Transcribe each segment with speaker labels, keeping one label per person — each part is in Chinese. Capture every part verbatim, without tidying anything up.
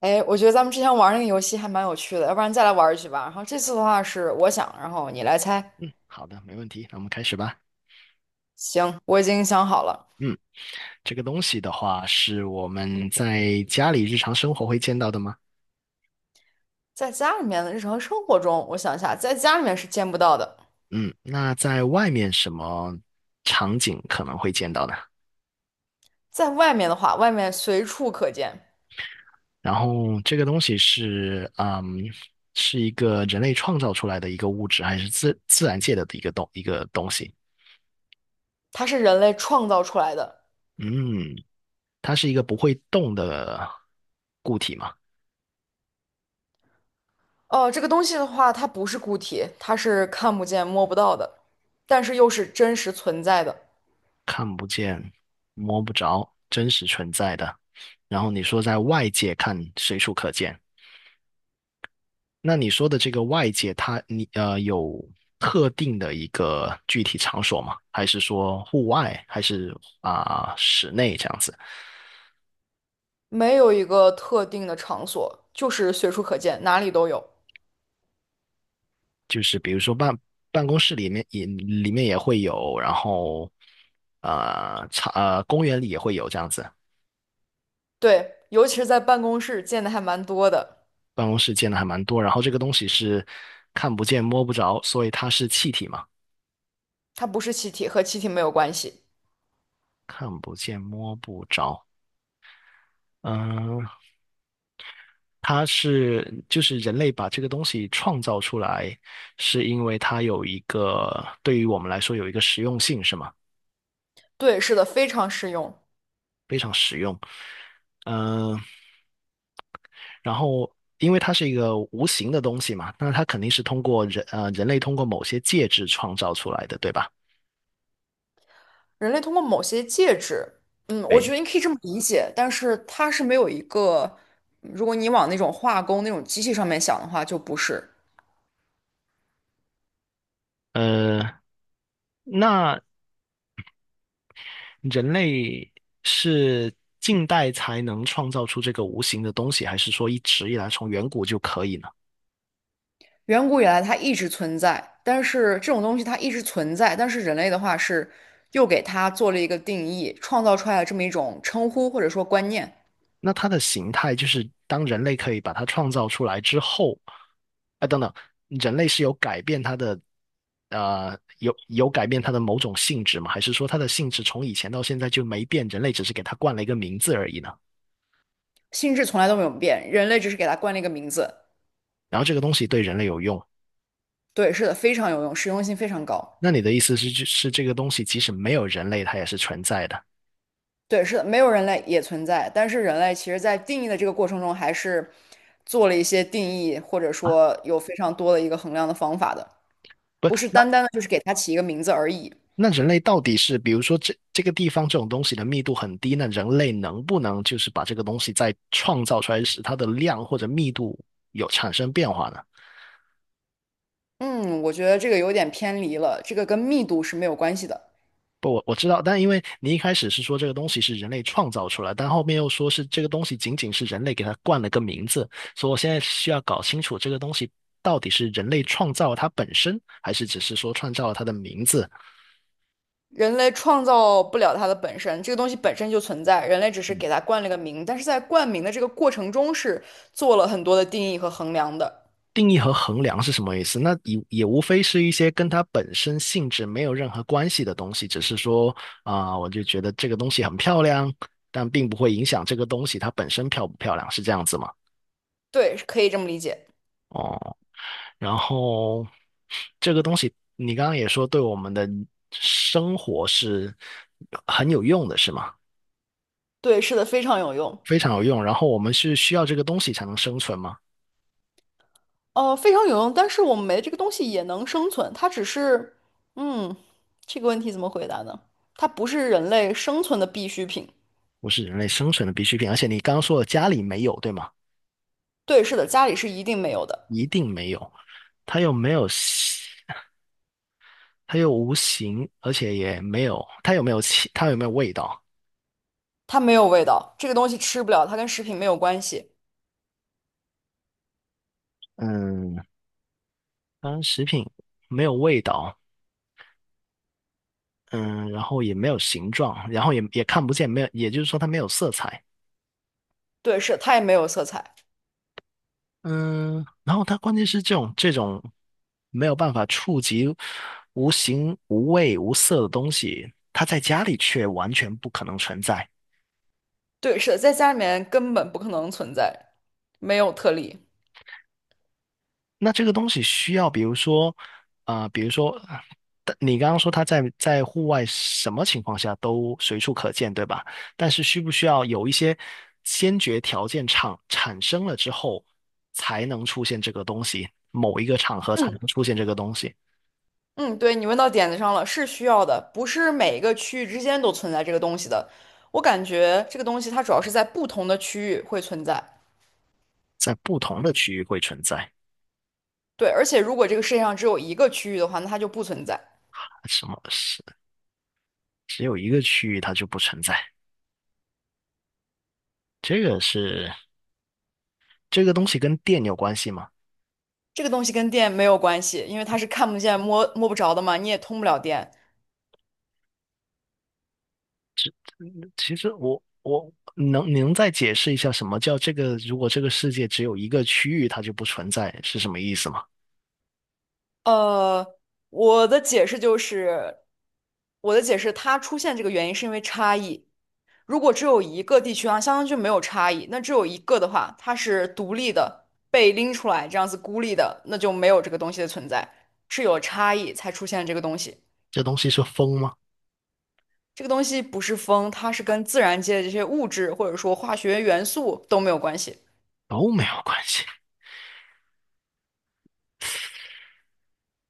Speaker 1: 哎，我觉得咱们之前玩那个游戏还蛮有趣的，要不然再来玩一局吧。然后这次的话是我想，然后你来猜。
Speaker 2: 嗯，好的，没问题，那我们开始吧。
Speaker 1: 行，我已经想好了，
Speaker 2: 嗯，这个东西的话，是我们在家里日常生活会见到的吗？
Speaker 1: 在家里面的日常生活中，我想一下，在家里面是见不到的，
Speaker 2: 嗯，那在外面什么场景可能会见到呢？
Speaker 1: 在外面的话，外面随处可见，
Speaker 2: 然后这个东西是，嗯，是一个人类创造出来的一个物质，还是自自然界的一个东一个东西？
Speaker 1: 它是人类创造出来的。
Speaker 2: 嗯，它是一个不会动的固体吗？
Speaker 1: 哦，这个东西的话，它不是固体，它是看不见、摸不到的，但是又是真实存在的，
Speaker 2: 看不见、摸不着、真实存在的。然后你说在外界看随处可见，那你说的这个外界它，你呃有特定的一个具体场所吗？还是说户外，还是啊、室内这样子？
Speaker 1: 没有一个特定的场所，就是随处可见，哪里都有。
Speaker 2: 就是比如说办办公室里面也里面也会有，然后呃场呃公园里也会有这样子。
Speaker 1: 对，尤其是在办公室见的还蛮多的。
Speaker 2: 办公室见的还蛮多，然后这个东西是看不见摸不着，所以它是气体嘛。
Speaker 1: 它不是气体，和气体没有关系。
Speaker 2: 看不见摸不着。嗯，它是就是人类把这个东西创造出来，是因为它有一个对于我们来说有一个实用性，是吗？
Speaker 1: 对，是的，非常适用。
Speaker 2: 非常实用。嗯，然后因为它是一个无形的东西嘛，那它肯定是通过人呃人类通过某些介质创造出来的，对吧？
Speaker 1: 人类通过某些介质，嗯，我觉
Speaker 2: 对。
Speaker 1: 得你可以这么理解，但是它是没有一个，嗯如果你往那种化工那种机器上面想的话，就不是。
Speaker 2: 呃，那人类是近代才能创造出这个无形的东西，还是说一直以来从远古就可以呢？
Speaker 1: 远古以来它一直存在，但是这种东西它一直存在，但是人类的话是又给它做了一个定义，创造出来了这么一种称呼或者说观念，
Speaker 2: 那它的形态就是当人类可以把它创造出来之后，啊，等等，人类是有改变它的，呃，有有改变它的某种性质吗？还是说它的性质从以前到现在就没变，人类只是给它冠了一个名字而已呢？
Speaker 1: 性质从来都没有变，人类只是给它冠了一个名字。
Speaker 2: 然后这个东西对人类有用，
Speaker 1: 对，是的，非常有用，实用性非常高。
Speaker 2: 那你的意思是，是这个东西即使没有人类，它也是存在的？
Speaker 1: 对，是的，没有人类也存在，但是人类其实在定义的这个过程中，还是做了一些定义，或者说有非常多的一个衡量的方法的，
Speaker 2: 不。
Speaker 1: 不是单单的就是给它起一个名字而已。
Speaker 2: 那人类到底是，比如说这这个地方这种东西的密度很低，那人类能不能就是把这个东西再创造出来，使它的量或者密度有产生变化呢？
Speaker 1: 嗯，我觉得这个有点偏离了，这个跟密度是没有关系的。
Speaker 2: 不，我我知道，但因为你一开始是说这个东西是人类创造出来，但后面又说是这个东西仅仅是人类给它冠了个名字，所以我现在需要搞清楚这个东西到底是人类创造了它本身，还是只是说创造了它的名字，
Speaker 1: 人类创造不了它的本身，这个东西本身就存在，人类只是给它冠了个名，但是在冠名的这个过程中是做了很多的定义和衡量的。
Speaker 2: 定义和衡量是什么意思？那也也无非是一些跟它本身性质没有任何关系的东西，只是说啊、我就觉得这个东西很漂亮，但并不会影响这个东西它本身漂不漂亮，是这样子吗？
Speaker 1: 对，可以这么理解。
Speaker 2: 哦，然后这个东西你刚刚也说对我们的生活是很有用的，是吗？
Speaker 1: 对，是的，非常有用。
Speaker 2: 非常有用。然后我们是需要这个东西才能生存吗？
Speaker 1: 呃，非常有用，但是我们没这个东西也能生存，它只是，嗯，这个问题怎么回答呢？它不是人类生存的必需品。
Speaker 2: 不是人类生存的必需品，而且你刚刚说了家里没有，对吗？
Speaker 1: 对，是的，家里是一定没有的，
Speaker 2: 一定没有，它又没有形，它又无形，而且也没有，它有没有气，它有没有味道？
Speaker 1: 它没有味道，这个东西吃不了，它跟食品没有关系。
Speaker 2: 嗯，当然食品没有味道，嗯，然后也没有形状，然后也也看不见，没有，也就是说它没有色彩，
Speaker 1: 对，是的它也没有色彩。
Speaker 2: 嗯，然后它关键是这种这种没有办法触及无形无味无色的东西，它在家里却完全不可能存在。
Speaker 1: 对，是的，在家里面根本不可能存在，没有特例。
Speaker 2: 那这个东西需要，比如说，啊、比如说，啊但你刚刚说它在在户外什么情况下都随处可见，对吧？但是需不需要有一些先决条件产产生了之后，才能出现这个东西，某一个场合才
Speaker 1: 嗯
Speaker 2: 能出现这个东西，
Speaker 1: 嗯，对，你问到点子上了，是需要的，不是每一个区域之间都存在这个东西的。我感觉这个东西它主要是在不同的区域会存在。
Speaker 2: 在不同的区域会存在，
Speaker 1: 对，而且如果这个世界上只有一个区域的话，那它就不存在。
Speaker 2: 什么是只有一个区域它就不存在？这个是这个东西跟电有关系吗？
Speaker 1: 这个东西跟电没有关系，因为它是看不见、摸摸不着的嘛，你也通不了电。
Speaker 2: 其实我我能能再解释一下什么叫这个？如果这个世界只有一个区域，它就不存在，是什么意思吗？
Speaker 1: 呃，我的解释就是，我的解释，它出现这个原因是因为差异。如果只有一个地区啊，相当于就没有差异。那只有一个的话，它是独立的，被拎出来这样子孤立的，那就没有这个东西的存在，是有差异才出现这个东西。
Speaker 2: 这东西是风吗？
Speaker 1: 这个东西不是风，它是跟自然界的这些物质或者说化学元素都没有关系。
Speaker 2: 都没有关系，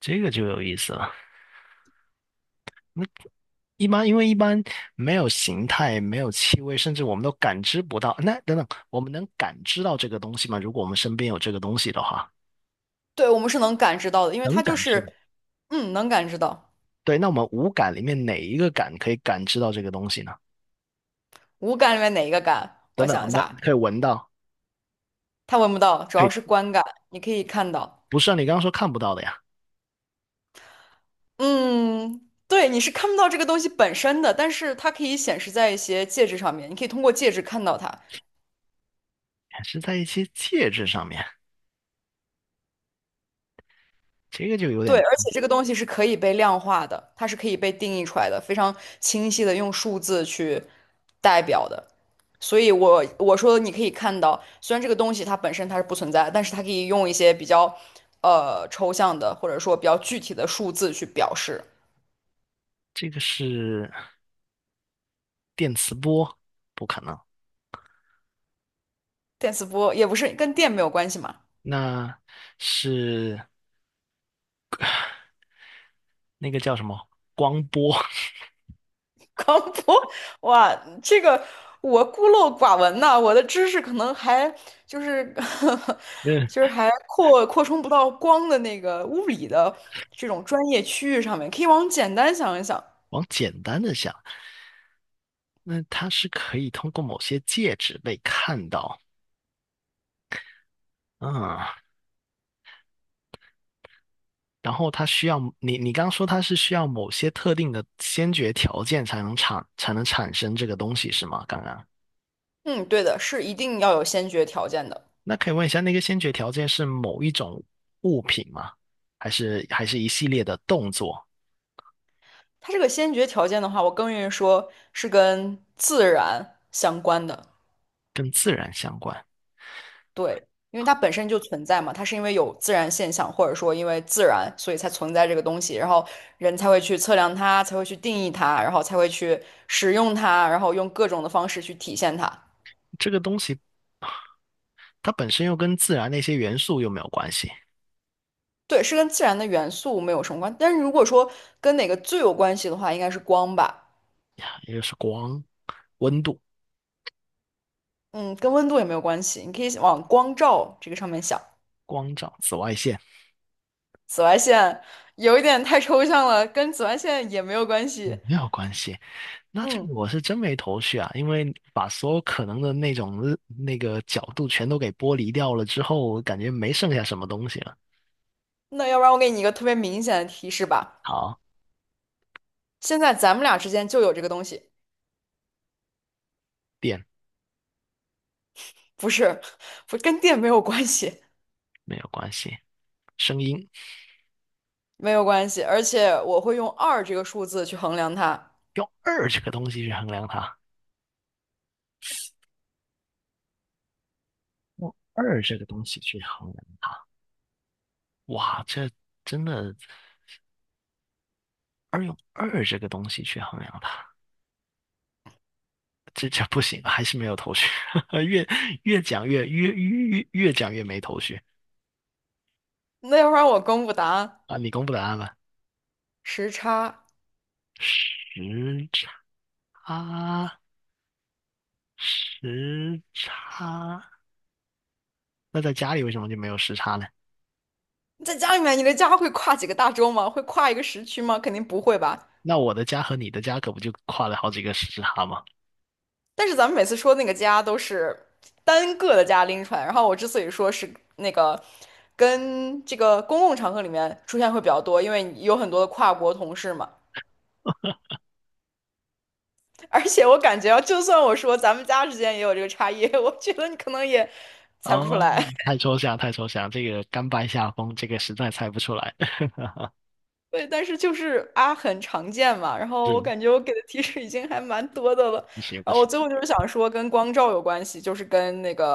Speaker 2: 这个就有意思了。一般因为一般没有形态，没有气味，甚至我们都感知不到。那等等，我们能感知到这个东西吗？如果我们身边有这个东西的话，
Speaker 1: 对，我们是能感知到的，因为
Speaker 2: 能
Speaker 1: 它就
Speaker 2: 感知。
Speaker 1: 是，嗯，能感知到。
Speaker 2: 对，那我们五感里面哪一个感可以感知到这个东西呢？
Speaker 1: 五感里面哪一个感？我
Speaker 2: 等等，我
Speaker 1: 想一
Speaker 2: 们能
Speaker 1: 下，
Speaker 2: 可以闻到，
Speaker 1: 它闻不到，主
Speaker 2: 可
Speaker 1: 要
Speaker 2: 以，
Speaker 1: 是观感，你可以看到。
Speaker 2: 不是啊？你刚刚说看不到的呀。
Speaker 1: 嗯，对，你是看不到这个东西本身的，但是它可以显示在一些介质上面，你可以通过介质看到它。
Speaker 2: 是在一些介质上面，这个就有
Speaker 1: 对，
Speaker 2: 点
Speaker 1: 而
Speaker 2: 高。
Speaker 1: 且这个东西是可以被量化的，它是可以被定义出来的，非常清晰的用数字去代表的。所以我，我说你可以看到，虽然这个东西它本身它是不存在，但是它可以用一些比较呃抽象的，或者说比较具体的数字去表示。
Speaker 2: 这个是电磁波，不可能。
Speaker 1: 电磁波也不是跟电没有关系嘛，
Speaker 2: 那是那个叫什么光波？
Speaker 1: 光播，哇，这个我孤陋寡闻呐、我的知识可能还就是
Speaker 2: 嗯，
Speaker 1: 就是还扩扩充不到光的那个物理的这种专业区域上面，可以往简单想一想。
Speaker 2: 往简单的想，那它是可以通过某些介质被看到，嗯，然后它需要你，你刚刚说它是需要某些特定的先决条件才能产才能产生这个东西是吗？刚刚。
Speaker 1: 嗯，对的，是一定要有先决条件的。
Speaker 2: 那可以问一下，那个先决条件是某一种物品吗？还是还是一系列的动作？
Speaker 1: 它这个先决条件的话，我更愿意说是跟自然相关的。对，因为它本身就存在嘛，它是因为有自然现象，或者说因为自然，所以才存在这个东西，然后人才会去测量它，才会去定义它，然后才会去使用它，然后用各种的方式去体现它。
Speaker 2: 这个东西它本身又跟自然那些元素又没有关系
Speaker 1: 对，是跟自然的元素没有什么关但是如果说跟哪个最有关系的话，应该是光吧。
Speaker 2: 呀，也就是光、温度、
Speaker 1: 嗯，跟温度也没有关系，你可以往光照这个上面想。
Speaker 2: 光照、紫外线
Speaker 1: 紫外线有一点太抽象了，跟紫外线也没有关
Speaker 2: 也
Speaker 1: 系。
Speaker 2: 没有关系。那这个
Speaker 1: 嗯，
Speaker 2: 我是真没头绪啊，因为把所有可能的那种那个角度全都给剥离掉了之后，我感觉没剩下什么东西了。
Speaker 1: 那要不然我给你一个特别明显的提示吧。
Speaker 2: 好，
Speaker 1: 现在咱们俩之间就有这个东西，
Speaker 2: 电
Speaker 1: 不是，不跟电没有关系，
Speaker 2: 没有关系，声音
Speaker 1: 没有关系。而且我会用二这个数字去衡量它。
Speaker 2: 用二这个东西去衡量它。用二这个东西去衡量。哇，这真的二用二这个东西去衡量它，这这不行，还是没有头绪，越越讲越越越越讲越没头绪
Speaker 1: 那要不然我公布答案，
Speaker 2: 啊！你公布答案吧。
Speaker 1: 时差。
Speaker 2: 时差，时差，那在家里为什么就没有时差呢？
Speaker 1: 在家里面，你的家会跨几个大洲吗？会跨一个时区吗？肯定不会吧。
Speaker 2: 那我的家和你的家可不就跨了好几个时差吗？
Speaker 1: 但是咱们每次说那个家都是单个的家拎出来，然后我之所以说是那个跟这个公共场合里面出现会比较多，因为有很多的跨国同事嘛。而且我感觉啊，就算我说咱们家之间也有这个差异，我觉得你可能也猜不出
Speaker 2: 哦，
Speaker 1: 来。
Speaker 2: 太 抽象，太抽象，这个甘拜下风，这个实在猜不出来。
Speaker 1: 对，但是就是啊，很常见嘛。然后我
Speaker 2: 是，
Speaker 1: 感觉我给的提示已经还蛮多的了。
Speaker 2: 不行不
Speaker 1: 然后我
Speaker 2: 行
Speaker 1: 最后就是想说，跟光照有关系，就是跟那个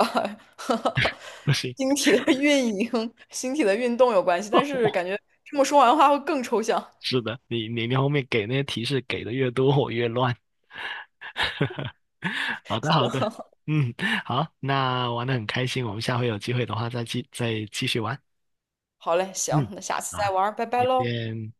Speaker 2: 不行，
Speaker 1: 星体的运营、星体的运动有关系。但是感 觉这么说完的话会更抽象。
Speaker 2: 是的，你你你后面给那些提示给的越多，我越乱。好的，好 的，
Speaker 1: 行，
Speaker 2: 嗯，好，那玩的很开心，我们下回有机会的话再继再继续玩。
Speaker 1: 好嘞，行，
Speaker 2: 嗯，
Speaker 1: 那下次
Speaker 2: 好
Speaker 1: 再
Speaker 2: 啊，
Speaker 1: 玩儿拜拜
Speaker 2: 再
Speaker 1: 喽。
Speaker 2: 见。